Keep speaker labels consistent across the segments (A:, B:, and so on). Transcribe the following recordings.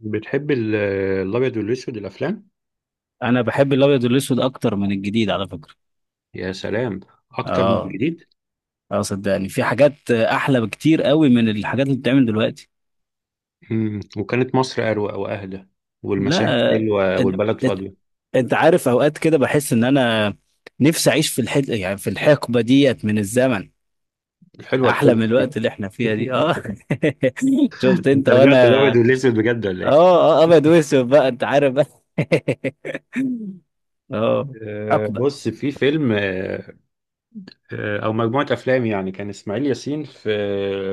A: بتحب الابيض والاسود الافلام.
B: انا بحب الابيض والاسود اكتر من الجديد على فكره.
A: يا سلام اكتر من
B: اه.
A: الجديد.
B: اه صدقني في حاجات احلى بكتير قوي من الحاجات اللي بتتعمل دلوقتي.
A: وكانت مصر اروق واهدى، والمشاهد
B: لا،
A: حلوه
B: انت
A: والبلد
B: انت
A: فاضيه.
B: أنت عارف اوقات كده بحس ان انا نفسي اعيش في الحد، يعني في الحقبه ديت من الزمن،
A: الحلوه
B: احلى
A: الحلوه
B: من الوقت اللي احنا فيها دي. اه. شفت انت
A: انت رجعت الابيض
B: وانا.
A: والاسود بجد ولا ايه؟
B: اه اه ابيض واسود بقى، انت عارف بقى. اه. حقبه.
A: بص، في فيلم، أه آه، او مجموعه افلام، يعني كان اسماعيل ياسين في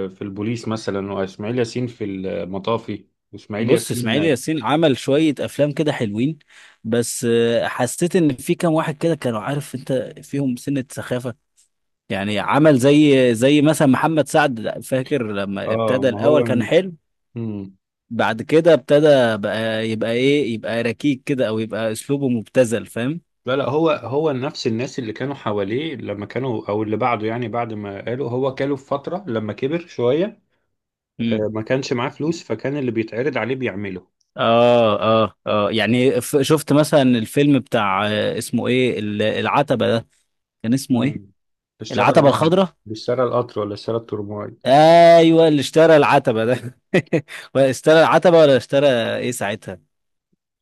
A: في البوليس مثلا، واسماعيل ياسين في المطافي، واسماعيل
B: بص
A: ياسين.
B: اسماعيل ياسين عمل شوية أفلام كده حلوين، بس حسيت إن في كام واحد كده كانوا، عارف أنت، فيهم سنة سخافة. يعني عمل زي مثلا محمد سعد. فاكر لما
A: اه،
B: ابتدى
A: ما
B: الأول
A: هو.
B: كان حلو؟
A: مم.
B: بعد كده ابتدى بقى، يبقى إيه، يبقى ركيك كده أو يبقى أسلوبه مبتذل، فاهم؟
A: لا هو نفس الناس اللي كانوا حواليه لما كانوا، او اللي بعده، يعني بعد ما قالوا هو كاله في فترة لما كبر شوية.
B: مم.
A: ما كانش معاه فلوس، فكان اللي بيتعرض عليه بيعمله.
B: آه آه آه. يعني شفت مثلا الفيلم بتاع اسمه إيه، العتبة ده، كان اسمه إيه؟
A: مم. اشترى
B: العتبة
A: القطر،
B: الخضراء.
A: اشترى القطر ولا اشترى الترماي؟
B: ايوه، اللي اشترى العتبه ده. ولا اشترى العتبه ولا اشترى ايه ساعتها.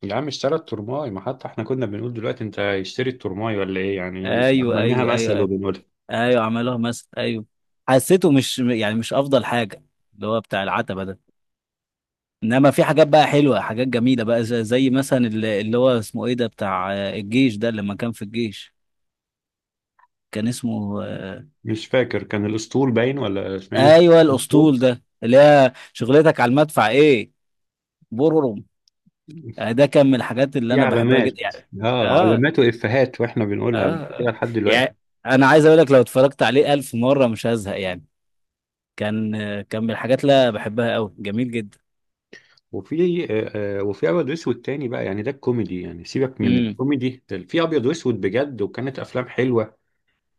A: يا عم اشترى الترماي، ما حتى احنا كنا بنقول دلوقتي انت اشتري الترماي ولا ايه، يعني
B: ايوه
A: عملناها
B: ايوه ايوه
A: مثل
B: ايوه.
A: وبنقولها.
B: ايوه عملوها مثلا، ايوه. حسيته مش، يعني مش افضل حاجه، اللي هو بتاع العتبه ده. انما في حاجات بقى حلوه، حاجات جميله بقى، زي مثلا اللي هو اسمه ايه ده، بتاع الجيش ده، لما كان في الجيش. كان اسمه
A: مش فاكر، كان الاسطول باين ولا اسماعيل،
B: ايوه
A: الاسطول.
B: الاسطول ده، اللي هي شغلتك على المدفع ايه. بررم. ده كان من الحاجات اللي
A: في
B: انا بحبها
A: علامات،
B: جدا يعني.
A: اه،
B: اه.
A: علامات وافيهات واحنا بنقولها بعد كده
B: اه.
A: لحد دلوقتي.
B: يعني انا عايز اقول لك، لو اتفرجت عليه الف مره مش هزهق يعني. كان، كان من الحاجات اللي أنا بحبها قوي. جميل جدا.
A: وفي آه، آه، وفي ابيض واسود تاني بقى، يعني ده الكوميدي، يعني سيبك من
B: امم.
A: الكوميدي ده، في ابيض واسود بجد، وكانت افلام حلوه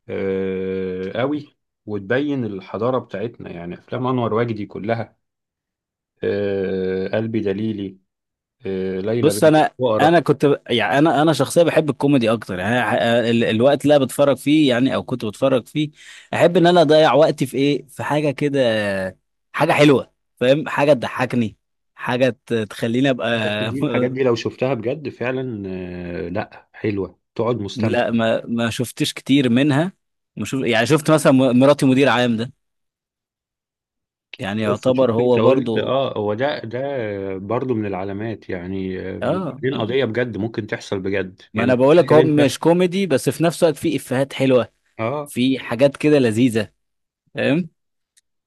A: قوي. وتبين الحضاره بتاعتنا، يعني افلام انور وجدي كلها، قلبي دليلي، ليلى
B: بص
A: بنت
B: انا، انا
A: الفقراء.
B: كنت يعني انا شخصيا بحب الكوميدي اكتر. يعني أنا، الوقت اللي انا بتفرج فيه يعني، او كنت بتفرج فيه، احب ان انا اضيع وقتي في ايه، في حاجه كده، حاجه حلوه، فاهم، حاجه تضحكني، حاجه تخليني ابقى.
A: دي الحاجات دي لو شفتها بجد فعلا، لا حلوه، تقعد مستمتع.
B: لا، ما شفتش كتير منها. ما شوف، يعني شفت مثلا مراتي مدير عام ده، يعني
A: بس شوف،
B: يعتبر
A: انت
B: هو
A: قلت
B: برضو.
A: اه، هو ده ده برضو من العلامات، يعني
B: اه.
A: وبعدين
B: اه
A: قضيه بجد ممكن تحصل بجد،
B: ما
A: يعني
B: انا بقولك،
A: تخيل
B: هو مش
A: انت.
B: كوميدي، بس في نفس الوقت فيه افيهات حلوه،
A: اه،
B: في حاجات كده لذيذه، فاهم؟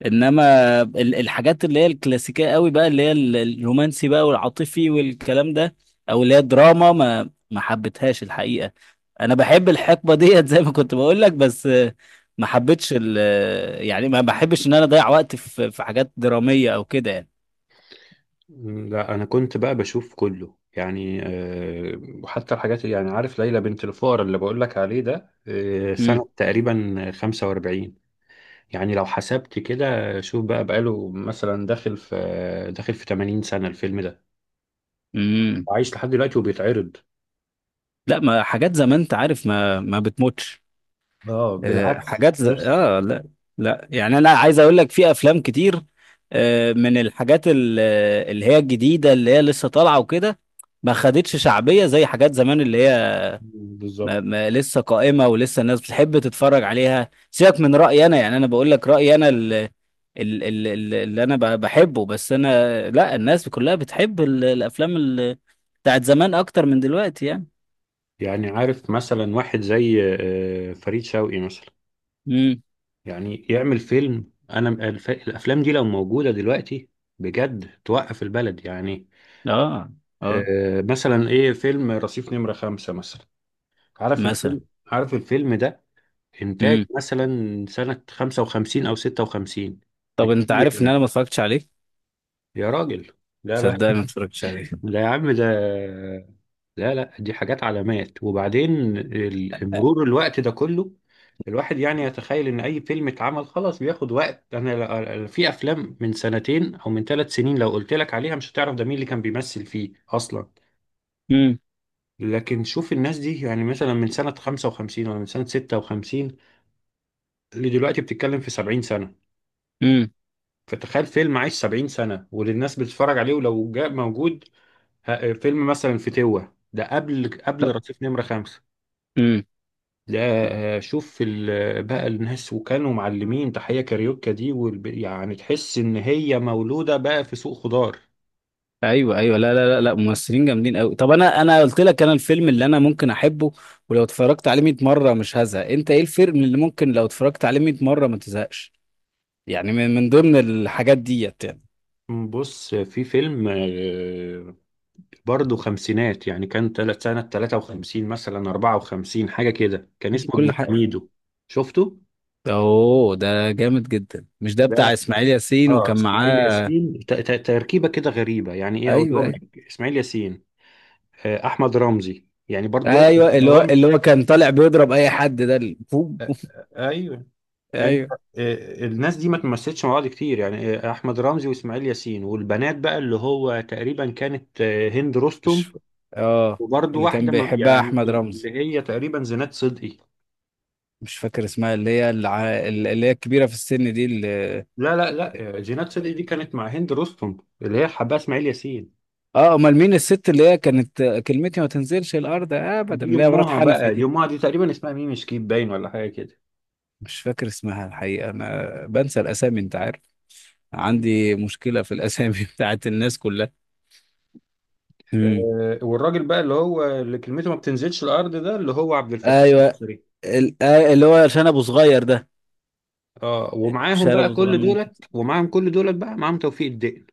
B: انما الحاجات اللي هي الكلاسيكيه قوي بقى، اللي هي الرومانسي بقى والعاطفي والكلام ده، او اللي هي دراما، ما حبيتهاش الحقيقه. انا بحب الحقبه ديت زي ما كنت بقولك، بس ما حبيتش ال يعني ما بحبش ان انا اضيع وقت في في حاجات دراميه او كده يعني.
A: لا انا كنت بقى بشوف كله يعني. وحتى يعني عارف ليلى بنت الفقر اللي بقول لك عليه ده،
B: امم.
A: سنة تقريبا 45، يعني لو حسبت كده، شوف بقى بقاله مثلا داخل في 80 سنة الفيلم ده،
B: امم.
A: وعايش لحد دلوقتي وبيتعرض.
B: لا، ما حاجات زمان انت عارف، ما بتموتش.
A: اه
B: آه،
A: بالعكس،
B: حاجات زي...
A: نفس
B: اه لا. لا يعني انا عايز اقول لك، في افلام كتير من الحاجات اللي هي الجديده، اللي هي لسه طالعه وكده، ما خدتش شعبيه زي حاجات زمان، اللي هي،
A: بالظبط.
B: ما لسه قائمه ولسه الناس بتحب تتفرج عليها. سيبك من رايي انا، يعني انا بقول لك رايي انا اللي انا بحبه. بس انا لا، الناس كلها بتحب الافلام بتاعت زمان اكتر من دلوقتي يعني.
A: يعني عارف مثلا واحد زي فريد شوقي مثلا،
B: امم.
A: يعني يعمل فيلم، انا الافلام دي لو موجودة دلوقتي بجد توقف البلد يعني.
B: اه. اه.
A: مثلا ايه، فيلم رصيف نمرة خمسة مثلا، عارف الفيلم؟
B: مثلا.
A: عارف الفيلم ده؟ انتاج
B: امم.
A: مثلا سنة 55 او 56
B: طب انت
A: بكتير
B: عارف ان انا
A: يعني.
B: ما اتفرجتش عليه؟
A: يا راجل لا بقى!
B: صدقني ما اتفرجتش عليه.
A: لا يا عم ده، لا لا، دي حاجات علامات، وبعدين مرور الوقت ده كله، الواحد يعني يتخيل ان اي فيلم اتعمل خلاص بياخد وقت. انا في افلام من سنتين او من ثلاث سنين لو قلت لك عليها مش هتعرف ده مين اللي كان بيمثل فيه اصلا.
B: امم.
A: لكن شوف الناس دي، يعني مثلا من سنة 55 ولا من سنة 56 لدلوقتي بتتكلم في 70 سنة.
B: امم.
A: فتخيل فيلم عايش 70 سنة وللناس بتتفرج عليه، ولو جاء موجود فيلم مثلا في توة ده، قبل
B: طب.
A: رصيف نمرة خمسة
B: امم.
A: ده. شوف بقى الناس، وكانوا معلمين تحية كاريوكا دي يعني تحس إن هي مولودة بقى في سوق خضار.
B: ايوه ايوه. لا لا لا لا، ممثلين جامدين قوي. طب انا قلت لك، انا الفيلم اللي انا ممكن احبه ولو اتفرجت عليه 100 مره مش هزهق. انت ايه الفيلم اللي ممكن لو اتفرجت عليه 100 مره ما تزهقش، يعني من من ضمن الحاجات ديت يعني؟
A: بص في فيلم برضه خمسينات، يعني كان تلت سنة 53 مثلا 54 حاجة كده، كان اسمه ابن
B: كل حاجه.
A: حميدو، شفته؟
B: اوه، ده جامد جدا. مش ده
A: ده،
B: بتاع اسماعيل ياسين
A: اه
B: وكان
A: اسماعيل
B: معاه،
A: ياسين، تركيبة كده غريبة، يعني ايه
B: ايوه
A: اقولهم
B: ايوه
A: لك، اسماعيل ياسين، احمد رمزي، يعني برضه دول ما
B: ايوه، اللي هو، اللي
A: قلناهمش.
B: هو كان طالع بيضرب اي حد ده
A: ايوه. انت،
B: ايوه.
A: الناس دي ما تمثلتش مع بعض كتير، يعني احمد رمزي واسماعيل ياسين، والبنات بقى اللي هو تقريبا كانت هند رستم،
B: مش اه،
A: وبرضه
B: اللي كان
A: واحدة
B: بيحبها
A: يعني
B: احمد رمزي،
A: اللي هي تقريبا زينات صدقي.
B: مش فاكر اسمها، اللي هي الع... اللي هي الكبيرة في السن دي اللي...
A: لا لا لا، جينات صدقي دي كانت مع هند رستم اللي هي حباها اسماعيل ياسين.
B: اه امال مين الست اللي هي كانت كلمتي ما تنزلش الارض ابدا،
A: دي
B: اللي هي مرات
A: امها
B: حنفي
A: بقى، دي
B: دي؟
A: امها، دي تقريبا اسمها ميمي شكيب باين ولا حاجه كده.
B: مش فاكر اسمها الحقيقة، انا بنسى الاسامي انت عارف. عندي مشكلة في الاسامي بتاعت الناس كلها. امم.
A: والراجل بقى اللي هو اللي كلمته ما بتنزلش الارض ده، اللي هو عبد الفتاح
B: ايوه.
A: النصري.
B: ال... اللي هو عشان ابو صغير ده.
A: اه،
B: مش
A: ومعاهم
B: أنا
A: بقى
B: ابو صغير
A: كل
B: ممكن؟
A: دولت، ومعاهم كل دولت بقى، معاهم توفيق الدقن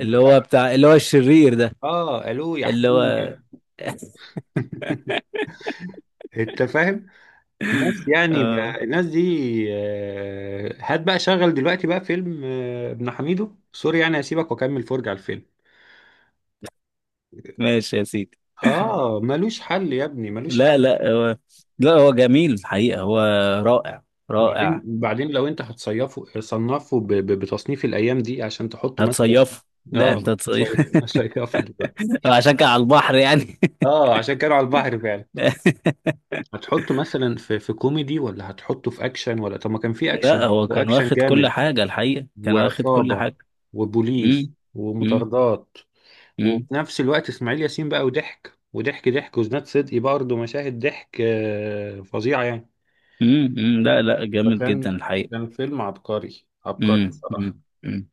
B: اللي هو بتاع، اللي هو الشرير ده،
A: اه الو يا
B: اللي هو
A: حكومه. انت فاهم، الناس يعني
B: اه.
A: بقى الناس دي. هات بقى شغل دلوقتي بقى فيلم ابن حميدو. سوري يعني، هسيبك واكمل فرجة على الفيلم.
B: ماشي يا سيدي.
A: اه ملوش حل يا ابني، ملوش حل.
B: لا لا هو، لا هو جميل الحقيقة، هو رائع،
A: بعدين
B: رائع.
A: بعدين لو انت هتصيفه، صنفه بتصنيف الايام دي عشان تحطه مثلا.
B: هتصيفه؟ لا انت
A: اه،
B: تصيف.
A: صيفه دلوقتي.
B: عشان كان على البحر يعني.
A: اه عشان كانوا على البحر فعلا. هتحطه مثلا في في كوميدي، ولا هتحطه في اكشن؟ ولا طب ما كان في
B: لا
A: اكشن،
B: هو كان
A: واكشن
B: واخد كل
A: جامد،
B: حاجة الحقيقة، كان واخد كل
A: وعصابة
B: حاجة.
A: وبوليس
B: امم. امم.
A: ومطاردات. وفي
B: امم.
A: نفس الوقت اسماعيل ياسين بقى، وضحك وضحك ضحك، وزناد صدقي برضه مشاهد ضحك فظيعة يعني.
B: أمم. لا لا، جامد جدا
A: فكان،
B: الحقيقة.
A: كان فيلم عبقري عبقري بصراحة.
B: أمم.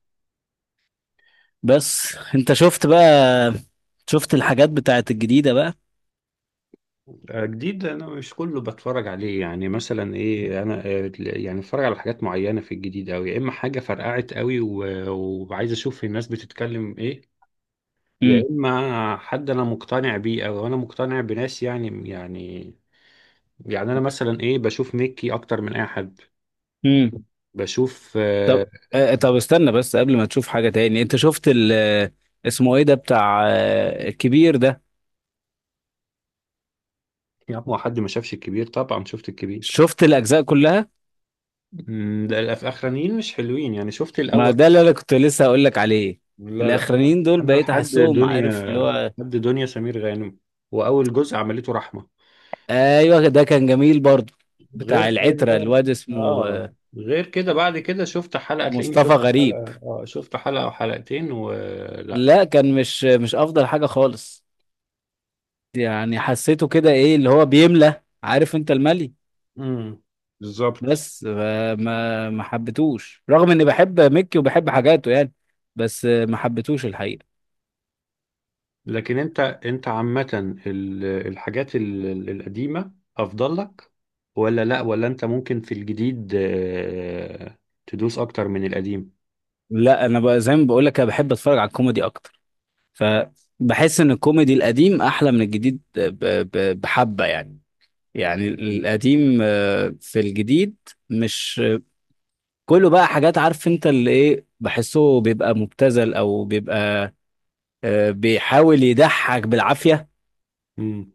B: بس انت شفت بقى، شفت الحاجات بتاعت الجديدة بقى؟
A: جديد أنا مش كله بتفرج عليه، يعني مثلا إيه، أنا يعني بتفرج على حاجات معينة في الجديد أوي، يا إما حاجة فرقعت أوي وعايز أشوف الناس بتتكلم إيه، يا إما حد أنا مقتنع بيه، أو أنا مقتنع بناس يعني يعني. يعني أنا مثلا إيه بشوف ميكي أكتر من أي حد.
B: امم.
A: بشوف
B: طب طب استنى بس، قبل ما تشوف حاجة تاني، انت شفت ال آه، اسمه ايه ده بتاع الكبير ده؟
A: يا عم، هو حد ما شافش الكبير؟ طبعا شفت الكبير.
B: شفت الاجزاء كلها.
A: مم، ده الاخرانيين مش حلوين يعني، شفت
B: ما
A: الاول،
B: ده اللي انا كنت لسه هقول لك عليه.
A: لا لا، انا
B: الاخرانيين دول
A: انا
B: بقيت
A: لحد
B: احسهم،
A: دنيا،
B: عارف اللي هو.
A: لحد دنيا سمير غانم، واول جزء عملته رحمه.
B: ايوه ده كان جميل برضو،
A: غير
B: بتاع العترة،
A: كده،
B: الواد اسمه
A: اه غير كده، بعد كده شفت حلقه، تلاقيني
B: مصطفى
A: شفت
B: غريب.
A: حلقه، اه، شفت حلقه او حلقتين ولا،
B: لا، كان مش، مش افضل حاجة خالص. يعني حسيته كده ايه، اللي هو بيملى، عارف انت الملي.
A: امم، بالظبط.
B: بس ما حبيتوش، رغم اني بحب ميكي وبحب حاجاته يعني. بس ما حبيتوش الحقيقه.
A: لكن انت، انت عامه الحاجات القديمه افضل لك ولا لا؟ ولا انت ممكن في الجديد تدوس اكتر من القديم؟
B: لا انا بقى زي ما بقول لك، انا بحب اتفرج على الكوميدي اكتر، فبحس ان الكوميدي القديم احلى من الجديد. بحبه يعني. يعني القديم، في الجديد مش كله بقى، حاجات عارف انت، اللي ايه، بحسه بيبقى مبتذل او بيبقى بيحاول يضحك بالعافيه،
A: امم.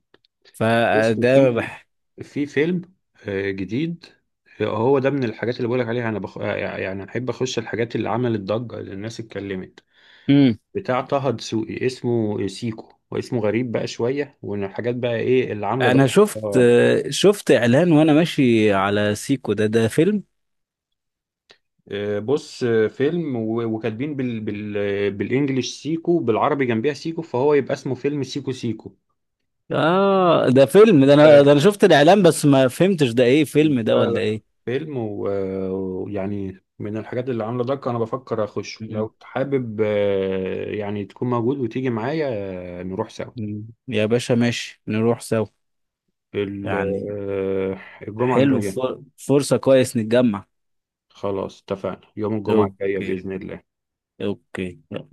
A: بص
B: فده
A: في
B: بح...
A: في فيلم جديد، هو ده من الحاجات اللي بقولك عليها، انا بخ... آه، يعني احب اخش الحاجات اللي عملت ضجة، اللي الناس اتكلمت، بتاع طه دسوقي اسمه سيكو، واسمه غريب بقى شوية، وان الحاجات بقى ايه اللي عاملة
B: انا
A: ضجة.
B: شفت،
A: آه،
B: شفت اعلان وانا ماشي على سيكو ده، ده فيلم؟
A: بص، فيلم، وكاتبين بالانجلش سيكو، بالعربي جنبيها سيكو، فهو يبقى اسمه فيلم سيكو سيكو.
B: اه ده فيلم، ده انا، ده انا شفت الاعلان بس ما فهمتش ده ايه، فيلم ده
A: لا
B: ولا
A: لا
B: ايه؟
A: فيلم، ويعني من الحاجات اللي عامله ضجه، انا بفكر اخش،
B: مم.
A: لو حابب يعني تكون موجود وتيجي معايا، نروح سوا.
B: مم. يا باشا ماشي، نروح سوا
A: ال-
B: يعني.
A: آه، الجمعه
B: حلو،
A: الجايه.
B: فرصة كويس نتجمع.
A: خلاص اتفقنا يوم الجمعه الجايه
B: اوكي.
A: باذن الله.
B: اوكي.